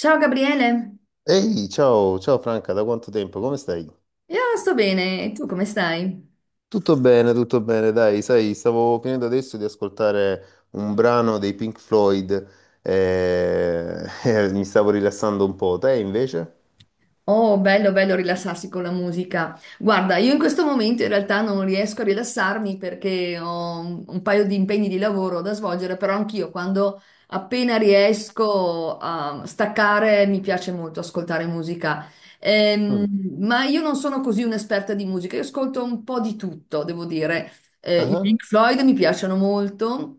Ciao Gabriele, Ehi, ciao, ciao Franca, da quanto tempo? Come stai? io sto bene, e tu come stai? Tutto bene, dai, sai, stavo finendo adesso di ascoltare un brano dei Pink Floyd e mi stavo rilassando un po'. Te invece? Oh, bello, bello rilassarsi con la musica. Guarda, io in questo momento in realtà non riesco a rilassarmi perché ho un paio di impegni di lavoro da svolgere, però anch'io quando appena riesco a staccare mi piace molto ascoltare musica. Mm. Ma io non sono così un'esperta di musica, io ascolto un po' di tutto, devo dire. I Ah, Pink Floyd mi piacciono molto.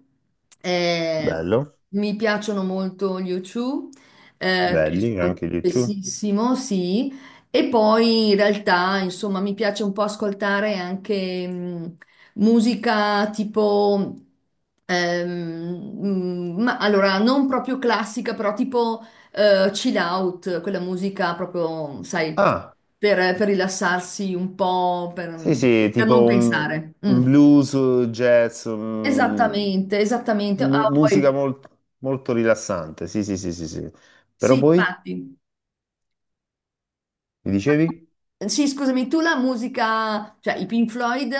eh, bello, Mi piacciono molto gli U2, che belli, ascolto anche gli YouTube. spessissimo, sì. E poi in realtà, insomma, mi piace un po' ascoltare anche musica tipo, ma allora non proprio classica, però tipo chill out, quella musica proprio, sai, Ah, per rilassarsi un po', sì, per, sì, per tipo non pensare. Mm. un blues, jazz, Esattamente, esattamente. mu- Ah, musica poi, mol- molto rilassante, sì, sì, sì, sì, sì. Però sì, poi, infatti. mi dicevi? Sì, scusami, tu la musica, cioè i Pink Floyd,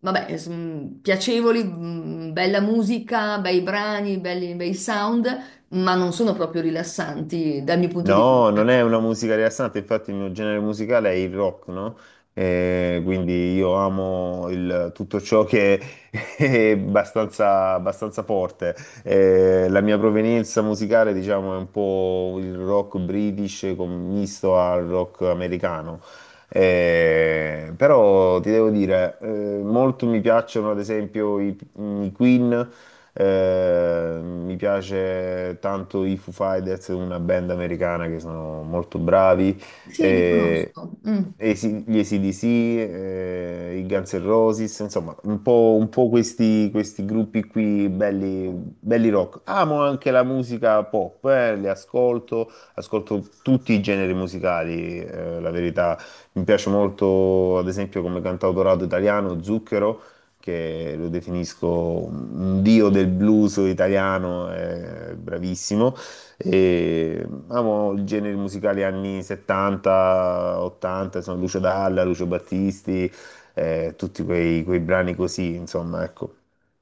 vabbè, piacevoli, bella musica, bei brani, belli, bei sound, ma non sono proprio rilassanti dal mio punto di No, non vista. è una musica rilassante, infatti il mio genere musicale è il rock, no? Quindi io amo tutto ciò che è abbastanza, abbastanza forte. La mia provenienza musicale, diciamo, è un po' il rock british misto al rock americano. Però ti devo dire, molto mi piacciono ad esempio i Queen, mi piace tanto i Foo Fighters, una band americana che sono molto bravi. Sì, li Eh, conosco. Mm. Gli AC/DC, i Guns N' Roses, insomma, un po', questi gruppi qui belli, belli rock. Amo anche la musica pop, le ascolto, ascolto tutti i generi musicali, la verità. Mi piace molto, ad esempio, come cantautorato italiano, Zucchero, che lo definisco un dio del blues italiano, è bravissimo. E amo il genere musicale anni 70, 80, sono Lucio Dalla, Lucio Battisti, tutti quei brani così, insomma, ecco.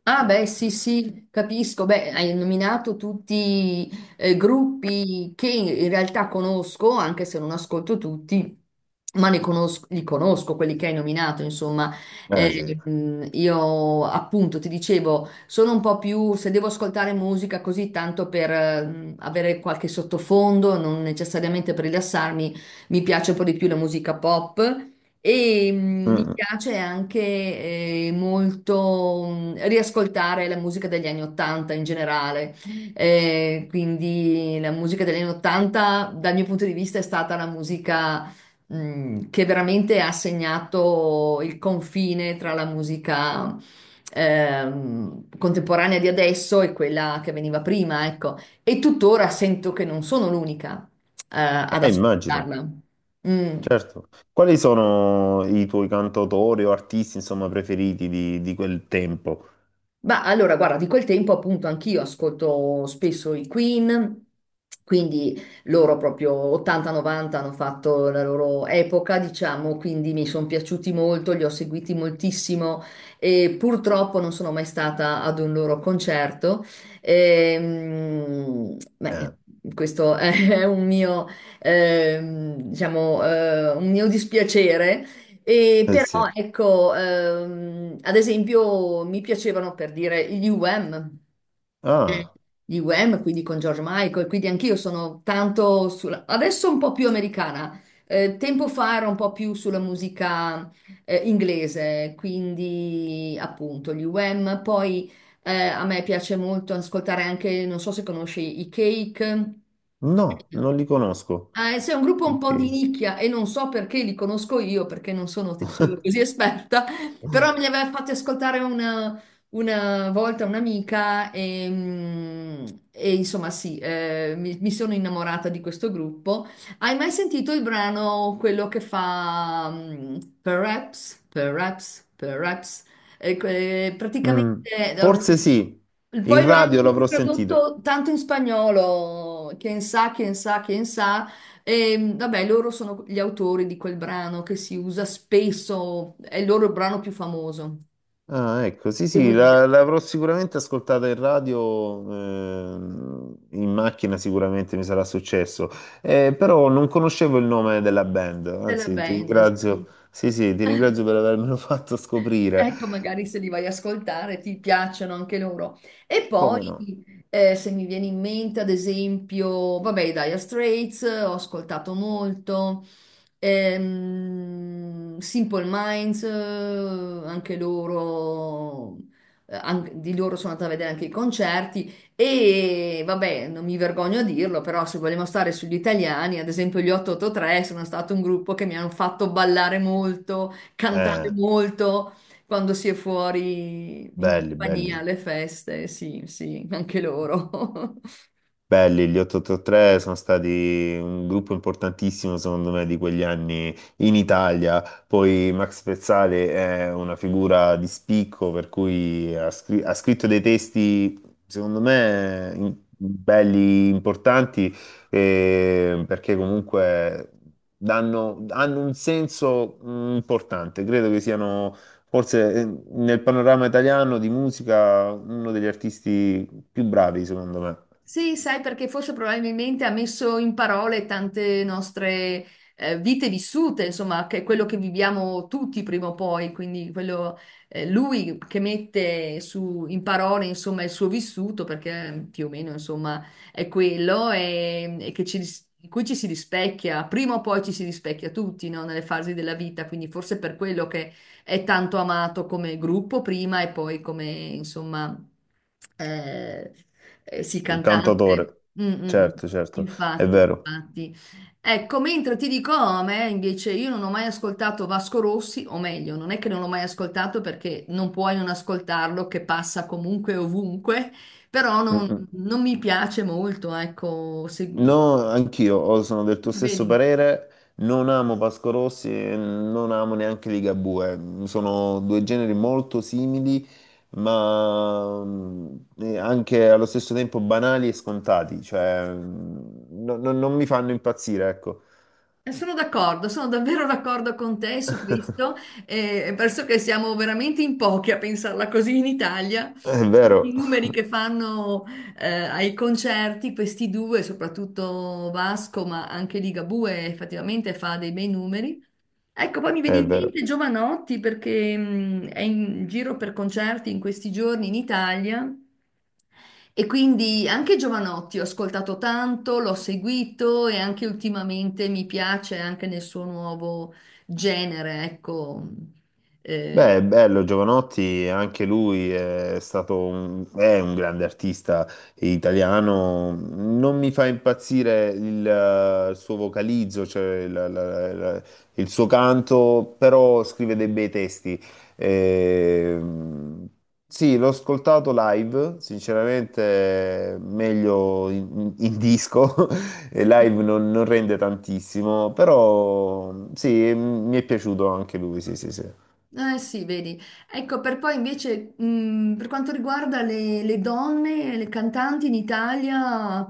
Ah, beh, sì, sì, capisco. Beh, hai nominato tutti gruppi che in realtà conosco, anche se non ascolto tutti, ma ne conosco, li conosco, quelli che hai nominato, insomma. Eh sì. Io appunto ti dicevo, sono un po' più, se devo ascoltare musica così tanto per avere qualche sottofondo, non necessariamente per rilassarmi, mi piace un po' di più la musica pop. E Mm, mi mm. piace anche molto riascoltare la musica degli anni Ottanta in generale. Quindi la musica degli anni Ottanta, dal mio punto di vista, è stata la musica che veramente ha segnato il confine tra la musica contemporanea di adesso e quella che veniva prima, ecco. E tuttora sento che non sono l'unica eh, ad Immagino, ascoltarla. Mm. certo. Quali sono i tuoi cantautori o artisti, insomma, preferiti di quel tempo? Ma allora, guarda, di quel tempo appunto anch'io ascolto spesso i Queen, quindi loro proprio 80-90 hanno fatto la loro epoca, diciamo, quindi mi sono piaciuti molto, li ho seguiti moltissimo e purtroppo non sono mai stata ad un loro concerto. Beh, Eh, questo è un mio, diciamo, un mio dispiacere. E eh sì. però ecco, ad esempio mi piacevano per dire gli UM. Mm. Ah, Gli UM, quindi con George Michael, quindi anch'io sono tanto sulla. Adesso un po' più americana, tempo fa era un po' più sulla musica inglese, quindi appunto gli UM. Poi a me piace molto ascoltare anche, non so se conosci i Cake. no, non li conosco. Sei un gruppo un po' di Ok. nicchia e non so perché li conosco io, perché non sono, ti dicevo, così esperta, però me li aveva fatti ascoltare una volta un'amica e insomma sì, mi sono innamorata di questo gruppo. Hai mai sentito il brano, quello che fa Perhaps, Perhaps, Perhaps? E praticamente Mm, eh, forse sì, in poi lo hanno radio anche l'avrò sentito. tradotto tanto in spagnolo, quien sa, quien sa, quien sa. E, vabbè, loro sono gli autori di quel brano che si usa spesso, è il loro brano più famoso, Ah, ecco, sì, devo sì, dire, l'avrò sicuramente ascoltata in radio, in macchina sicuramente mi sarà successo. Però non conoscevo il nome della band, della anzi ti band. Sì. ringrazio, sì, sì, ti ringrazio per avermelo fatto scoprire. Ecco, magari se li vai a ascoltare ti piacciono anche loro. E sì. Come Poi, no? Se mi viene in mente, ad esempio, vabbè, i Dire Straits, ho ascoltato molto. Simple Minds, anche loro, di loro sono andata a vedere anche i concerti e, vabbè, non mi vergogno a dirlo, però se vogliamo stare sugli italiani, ad esempio gli 883 sono stato un gruppo che mi hanno fatto ballare molto, cantare Eh, molto. Quando si è fuori in belli, compagnia, belli. alle feste, sì, sì, anche loro. Belli, gli 883 sono stati un gruppo importantissimo secondo me di quegli anni in Italia. Poi Max Pezzale è una figura di spicco per cui ha scritto dei testi secondo me belli, importanti, perché comunque hanno un senso, mm, importante. Credo che siano forse, nel panorama italiano di musica uno degli artisti più bravi secondo me. Sì, sai, perché forse probabilmente ha messo in parole tante nostre vite vissute, insomma, che è quello che viviamo tutti prima o poi, quindi quello, lui che mette in parole, insomma, il suo vissuto, perché più o meno, insomma, è quello e che ci, in cui ci si rispecchia, prima o poi ci si rispecchia tutti, no? Nelle fasi della vita, quindi forse per quello che è tanto amato come gruppo prima e poi come, insomma, eh, sì, Il cantante. cantautore, Mm, mm, mm. certo, certo, è Infatti, vero. infatti. Ecco, mentre ti dico, oh, a me invece io non ho mai ascoltato Vasco Rossi, o meglio, non è che non l'ho mai ascoltato perché non puoi non ascoltarlo, che passa comunque ovunque, però Mm, non, mm. non mi piace molto, ecco, No, anch'io, oh, sono del tuo stesso vedi. parere. Non amo Vasco Rossi e non amo neanche Ligabue. Sono due generi molto simili, ma mm, anche allo stesso tempo banali e scontati. Cioè, mm, non mi fanno impazzire, ecco. Sono d'accordo, sono davvero d'accordo con te su questo. Penso che siamo veramente in pochi a pensarla così in Italia. È vero, I numeri che fanno ai concerti, questi due, soprattutto Vasco, ma anche Ligabue effettivamente fa dei bei numeri. Ecco, poi mi viene è in mente vero. Giovanotti perché è in giro per concerti in questi giorni in Italia e quindi anche Giovanotti ho ascoltato tanto, l'ho seguito e anche ultimamente mi piace anche nel suo nuovo genere, ecco. Eh, Beh, è bello, Giovanotti, anche lui è un grande artista italiano. Non mi fa impazzire il suo vocalizzo, cioè il suo canto, però scrive dei bei testi. Ehm, sì, l'ho ascoltato live, sinceramente meglio in, in disco, e live non, non rende tantissimo, però sì, mi è piaciuto anche lui, sì, sì, sì. eh sì, vedi. Ecco, per poi invece per quanto riguarda le donne, le cantanti in Italia.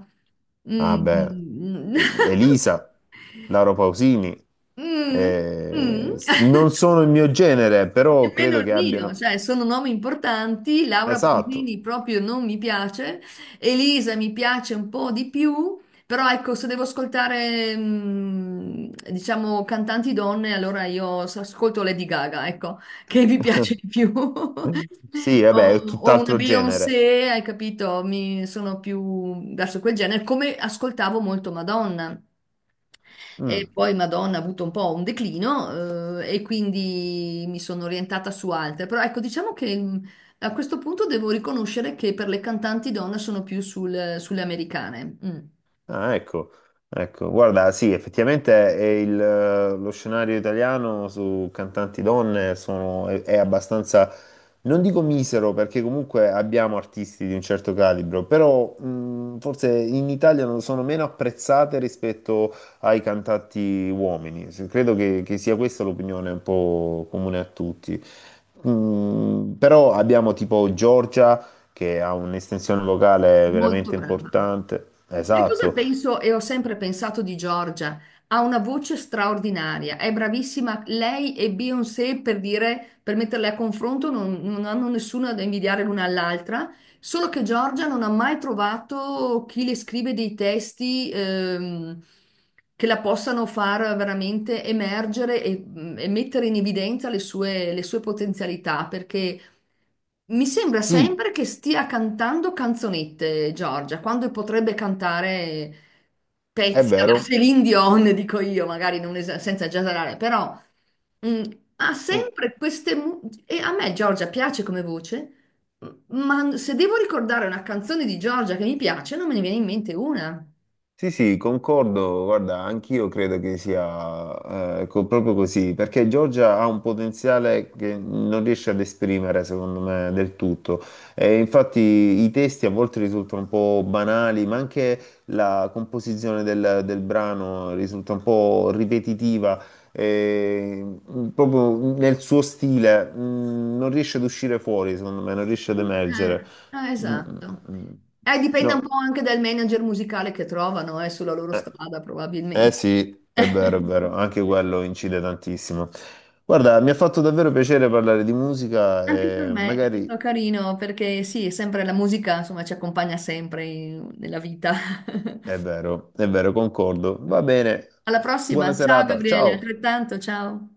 Ah beh, mm, mm, Elisa, Lauro Pausini, Mm, mm. Non sono il mio genere, però Nemmeno credo il che mio, abbiano... cioè sono nomi importanti, Laura Esatto. Pausini proprio non mi piace, Elisa mi piace un po' di più, però ecco, se devo ascoltare, diciamo, cantanti donne, allora io ascolto Lady Gaga, ecco, che mi piace di più. Sì, vabbè, è O una tutt'altro genere. Beyoncé, hai capito? Mi sono più verso quel genere, come ascoltavo molto Madonna. Mm. E poi Madonna ha avuto un po' un declino, e quindi mi sono orientata su altre. Però ecco, diciamo che a questo punto devo riconoscere che per le cantanti donne sono più sulle americane. Mm. Ah, ecco, ecco, guarda, sì, effettivamente è lo scenario italiano su cantanti donne è abbastanza, non dico misero, perché comunque abbiamo artisti di un certo calibro, però forse in Italia non sono meno apprezzate rispetto ai cantanti uomini. Credo che sia questa l'opinione un po' comune a tutti. Mm, però abbiamo tipo Giorgia, che ha un'estensione vocale Molto veramente brava. importante. Sai cosa Esatto. penso e ho sempre pensato di Giorgia? Ha una voce straordinaria, è bravissima. Lei e Beyoncé, per dire, per metterle a confronto, non hanno nessuna da invidiare l'una all'altra, solo che Giorgia non ha mai trovato chi le scrive dei testi che la possano far veramente emergere e mettere in evidenza le sue potenzialità, perché mi sembra Sì, sempre che stia cantando canzonette, Giorgia, quando potrebbe cantare è pezzi alla vero. Céline Dion, dico io, magari non senza esagerare, però mm, ha sempre queste. E a me Giorgia piace come voce, m- ma se devo ricordare una canzone di Giorgia che mi piace, non me ne viene in mente una. Sì, sì, concordo, guarda, anch'io credo che sia proprio così, perché Giorgia ha un potenziale che non riesce ad esprimere, secondo me, del tutto. E infatti i testi a volte risultano un po' banali, ma anche la composizione del brano risulta un po' ripetitiva, e, proprio nel suo stile, non riesce ad uscire fuori, secondo me, non riesce ad emergere. Eh, eh, Mm, mm, esatto. mm. Dipende un No. po' anche dal manager musicale che trovano, sulla loro Eh. strada, Eh probabilmente. sì, è vero, anche quello incide tantissimo. Guarda, mi ha fatto davvero piacere parlare di musica Anche per e me è magari stato carino perché sì, è sempre la musica, insomma, ci accompagna sempre nella vita. È vero, concordo. Va bene, Alla buona prossima, ciao serata, Gabriele, ciao. altrettanto, ciao.